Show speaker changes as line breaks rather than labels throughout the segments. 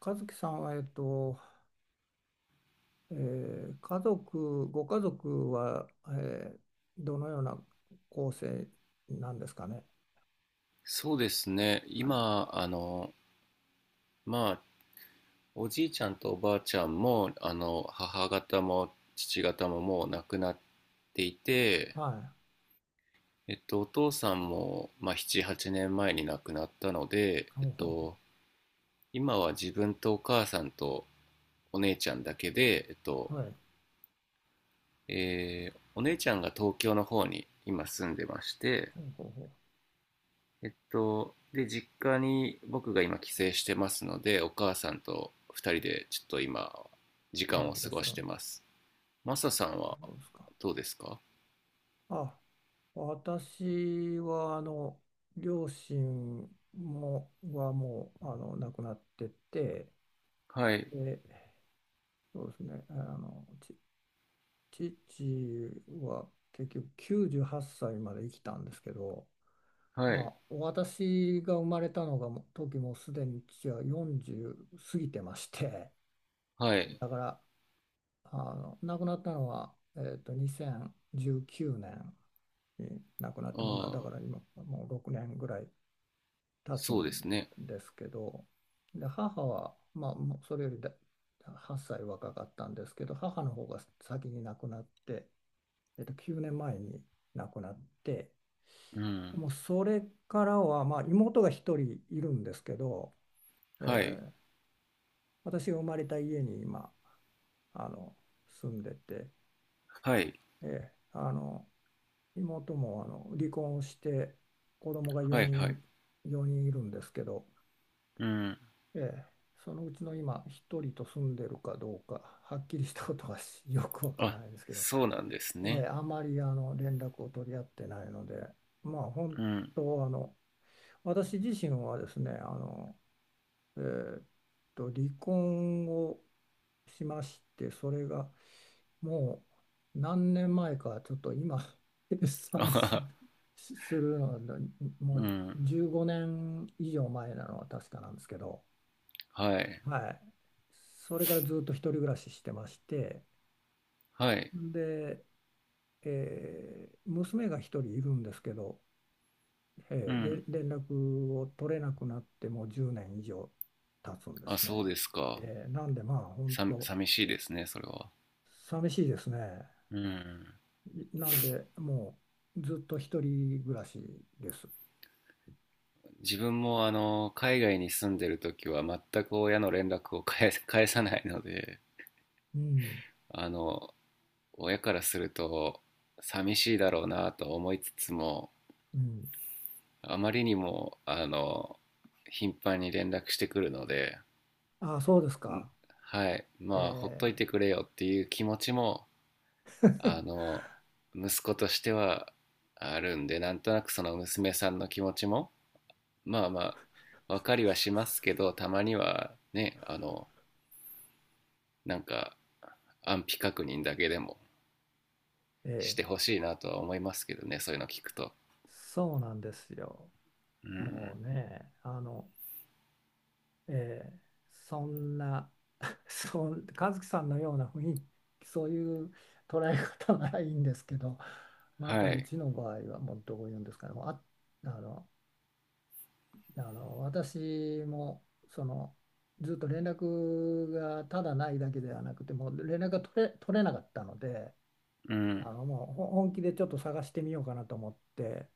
和樹さんは、家族、ご家族は、どのような構成なんですかね。
そうですね。
はい。
今、まあ、おじいちゃんとおばあちゃんも、母方も父方ももう亡くなっていて、
はい。
お父さんも、まあ、7、8年前に亡くなったので、
ほうほう
今は自分とお母さんとお姉ちゃんだけで、
ほう。はい。
お姉ちゃんが東京の方に今住んでまして、
ほうほう
で、実家に僕が今帰省してますので、お母さんと二人でちょっと今、時
ほう。
間
あ、
を
いら
過
っし
ご
ゃる。
してます。マサさん
あ、
は
そうですか。
どうですか？
あ、私は、あの、両親はもう、あの、亡くなってて、
はい、
で、そうですね、父は結局98歳まで生きたんですけど、
は
ま
い、
あ、私が生まれたのがもうすでに父は40過ぎてまして、
はい。
だから、あの、亡くなったのは、えーと、2019年に亡くなっ
あ
てもうな、だ
あ、
から今もう6年ぐらい経つ
そ
ん
うですね。
ですけど、で、母は、まあ、もうそれより8歳若かったんですけど、母の方が先に亡くなって、えーと、9年前に亡くなって、
う
で
ん。
もそれからは、まあ、妹が一人いるんですけど、え
はい、
ー私が生まれた家に今あの住んでて、
はい、
えーあの妹もあの離婚をして子供が
はい、は
4
い。
人、4人いるんですけど、
うん。
えーそのうちの今1人と住んでるかどうかはっきりしたことはよくわから
あ、
ないですけど、
そうなんですね。
あまりあの連絡を取り合ってないので、まあ本
うん。
当あの私自身はですねあの、えーっ離婚をしましてそれがもう何年前か、ちょっと今、計
あ
算
は
す、
は。
するのは、も
う
う
ん。
15年以上前なのは確かなんですけど、
はい、
はい。それからずっと一人暮らししてまして、
はい。
で、えー娘が一人いるんですけど、
う
えーれ
ん。
連絡を取れなくなってもう10年以上経つんで
あ、
す
そう
ね。
ですか。
えーなんでまあ、本
さ、
当
寂しいですね、それは。
寂しいですね。
うん。
なんで、もうずっと一人暮らしです。
自分も海外に住んでる時は全く親の連絡を返さないので、
うん、
あの親からすると寂しいだろうなと思いつつも、
うん。
あまりにも頻繁に連絡してくるので、
あ、そうですか。
はい、まあほっといて
え
くれよっていう気持ちもあの息子としてはあるんで、なんとなくその娘さんの気持ちもまあまあ分かりはしますけど、たまにはね、なんか安否確認だけでも
ー、
し
え
て
ー
ほしいなとは思いますけどね、そういうの聞くと。
そうなんですよ。
う
も
ん。
うね、えーそんな、和樹さんのような雰囲気、そういう捉え方ならいいんですけど、ま
は
たう
い。
ちの場合はもうどういうんですかね、もうあ、あの、あの私もそのずっと連絡がただないだけではなくてもう連絡が取れ、取れなかったので
うん。
あのもう本気でちょっと探してみようかなと思って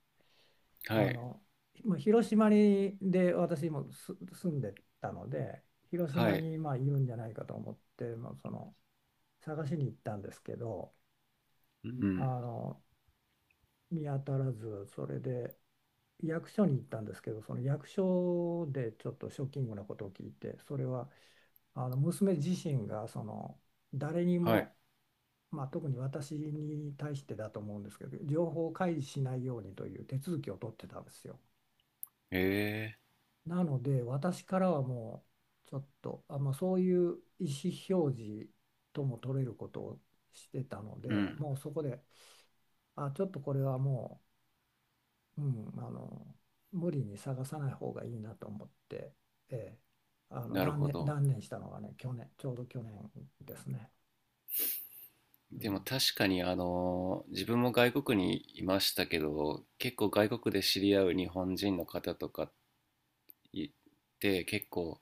は
あ
い、
のまあ広島に私も住んでたので広
は
島
い。
にまあいるんじゃないかと思って、まあ、その探しに行ったんですけど
う
あ
ん。
の見当たらずそれで。役所に行ったんですけど、その役所でちょっとショッキングなことを聞いて、それはあの娘自身がその誰に
はい。
も、まあ、特に私に対してだと思うんですけど情報を開示しないようにという手続きを取ってたんですよ。
へえ。
なので私からはもうちょっとあ、まあ、そういう意思表示とも取れることをしてたの
う
で
ん。
もうそこでちょっとこれはもう、うん、あの無理に探さない方がいいなと思って、ええ、あの
なるほど。
断念したのがねちょうど去年ですね。う
でも
ん、
確かに自分も外国にいましたけど、結構外国で知り合う日本人の方とかいて、結構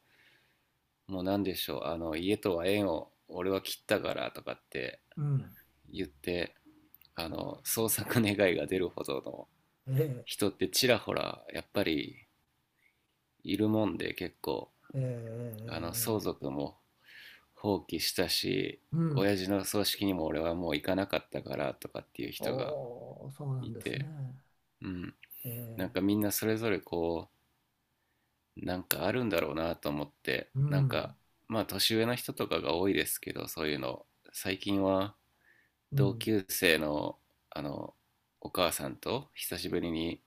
もう何でしょう、家とは縁を俺は切ったからとかって
うん
言って、創作願いが出るほどの
ええ、
人ってちらほらやっぱりいるもんで、結構
ええ、え
相
え、え
続も放棄したし
うん。
親父の葬式にも俺はもう行かなかったからとかっていう人が
おー、そうな
い
んです
て、
ね。
うん、
え
なんかみ
え、
んなそれぞれこうなんかあるんだろうなと思って、
う
なん
ん。
かまあ年上の人とかが多いですけど、そういうの最近は
う
同
ん、
級生のあのお母さんと久しぶりに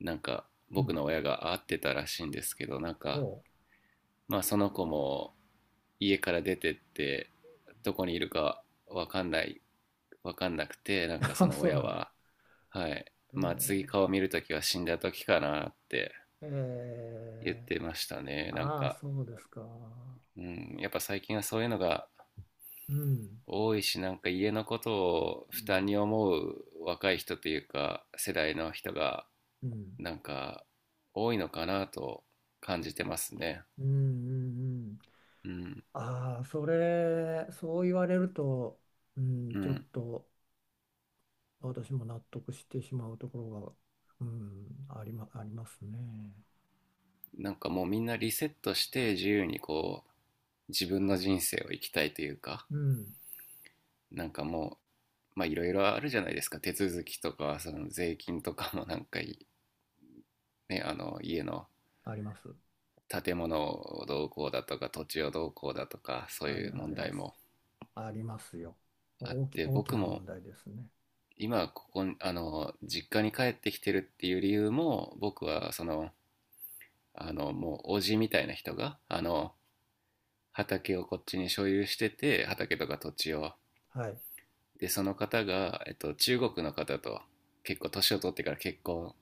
なんか
う
僕
ん。
の親が会ってたらしいんですけど、なんか
お
まあその子も家から出てってどこにいるかわかんないわかんなくて、なんかそ
ー、
の
そう
親
なんです。
は、はい、
え
まあ
え、
次顔見るときは死んだときかなって
え
言っ
え、
てましたね、なん
ああ、
か、
そうですか。
うん、やっぱ最近はそういうのが
うん。
多いし、なんか家のことを
う
負担
ん、
に思う若い人というか世代の人が
うん、
なんか多いのかなと感じてますね。
うん、うんうん。
うん。
ああ、そう言われると、うん、
う
ちょっ
ん。
と私も納得してしまうところが、うん、ありますね。
なんかもうみんなリセットして自由にこう自分の人生を生きたいというか、
うん、
なんかもうまあいろいろあるじゃないですか、手続きとかその税金とかもなんかいね、家の
あります。
建物をどうこうだとか土地をどうこうだとか、そういう
あ
問
り
題
ます。
も
ありますよ。
あって、
大き
僕
な
も
問題ですね。
今ここに実家に帰ってきてるっていう理由も、僕はそのもうおじみたいな人が畑をこっちに所有してて、畑とか土地を、
はい。
でその方が、中国の方と結構年を取ってから結婚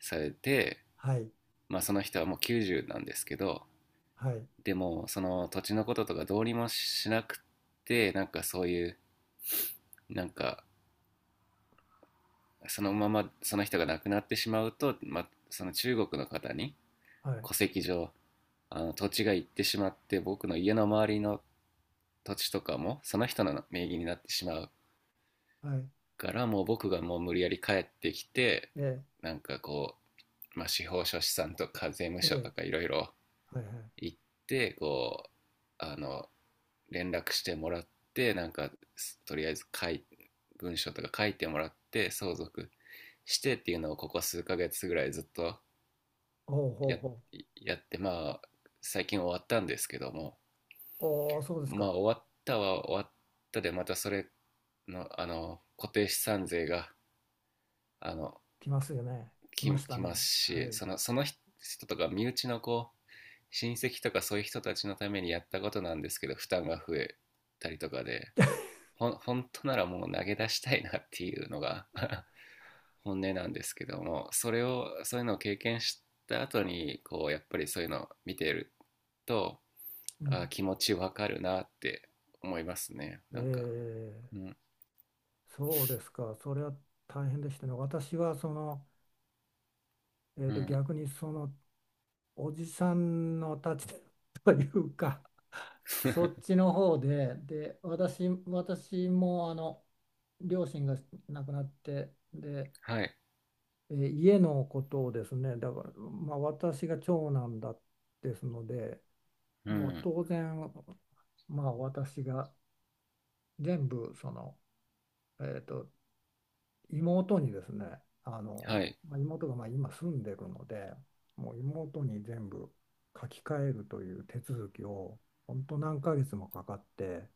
されて、
はい。
まあ、その人はもう90なんですけど、
はい。
でもその土地のこととかどうにもしなくて、なんかそういうなんかそのままその人が亡くなってしまうと、まあ、その中国の方に
はい。
戸籍上、土地が行ってしまって、僕の家の周りの土地とかもその人の名義になってしまう
はい。
から、もう僕がもう無理やり帰ってきて、
え
なんかこう、まあ、司法書士さんとか税務
え。え
署と
え。
かいろいろ
はい。はい。
行って、こうあの連絡してもらって、なんかとりあえず文書とか書いてもらって相続してっていうのを、ここ数ヶ月ぐらいずっと
ほうほう
や
ほう。
やって、まあ最近終わったんですけども、
おお、そうです
まあ
か。
終わったは終わったで、またそれの固定資産税があの
来ますよね。来
き
ました
きます
ね。は
し、
い。
その人とか身内のこう親戚とかそういう人たちのためにやったことなんですけど、負担が増えたりとかで、本当ならもう投げ出したいなっていうのが 本音なんですけども、それをそういうのを経験した後にこうやっぱりそういうのを見てると、
う
あ、
ん。
気持ちわかるなって思いますね、
え
なんか、う
え、
ん。
そうですか。それは大変でしたね。私は、その、えっ
う
と、
ん。
逆に、その、おじさんの立ちで というか、そっ ちの方で、で、私もあの両親が亡くなって、で、
はい。
えー家のことをですね、だから、まあ、私が長男ですので、
う
もう
ん。
当然、まあ、私が全部その、えーと、妹にですね、あ
は
の、
い。
まあ、妹がまあ今住んでるので、もう妹に全部書き換えるという手続きを、本当何ヶ月もかかって。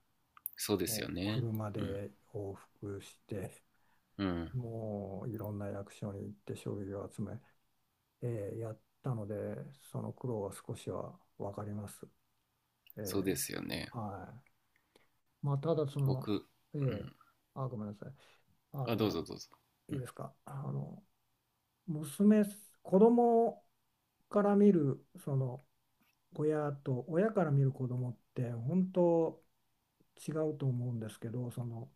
そうです
も
よ
う
ね。
車
うん。
で往復して、
う ん。
もういろんな役所に行って書類を集め、えーやったので、その苦労は少しは分かります。え
そうですよね。
ーはい。まあ、ただその、
僕、
え
う
ー
ん。
ごめんなさい。あ
あ、どうぞ
の、
どうぞ。
い
う
い
ん。
ですか。あの、娘、子供から見る、その、親と、親から見る子供って、本当違うと思うんですけど、その、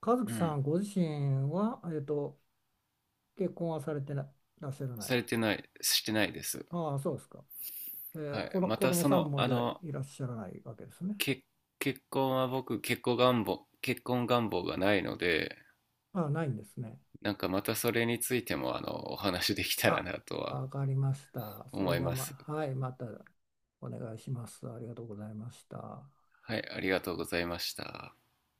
和
う
樹さ
ん、
んご自身は、えっと、結婚はされてならっしゃらな
さ
い。
れてない、してないです。
ああ、そうですか。え
は
ー、
い。
この
ま
子
た、
供
そ
さん
の、
もじゃあいらっしゃらないわけですね。
結結婚願望がないので、
ああ、ないんですね。
なんかまたそれについても、お話できたら
あ、
なとは
わかりました。そ
思
れ
い
じゃあ、
ま
ま、
す。
はい、またお願いします。ありがとうございました。
はい、ありがとうございました。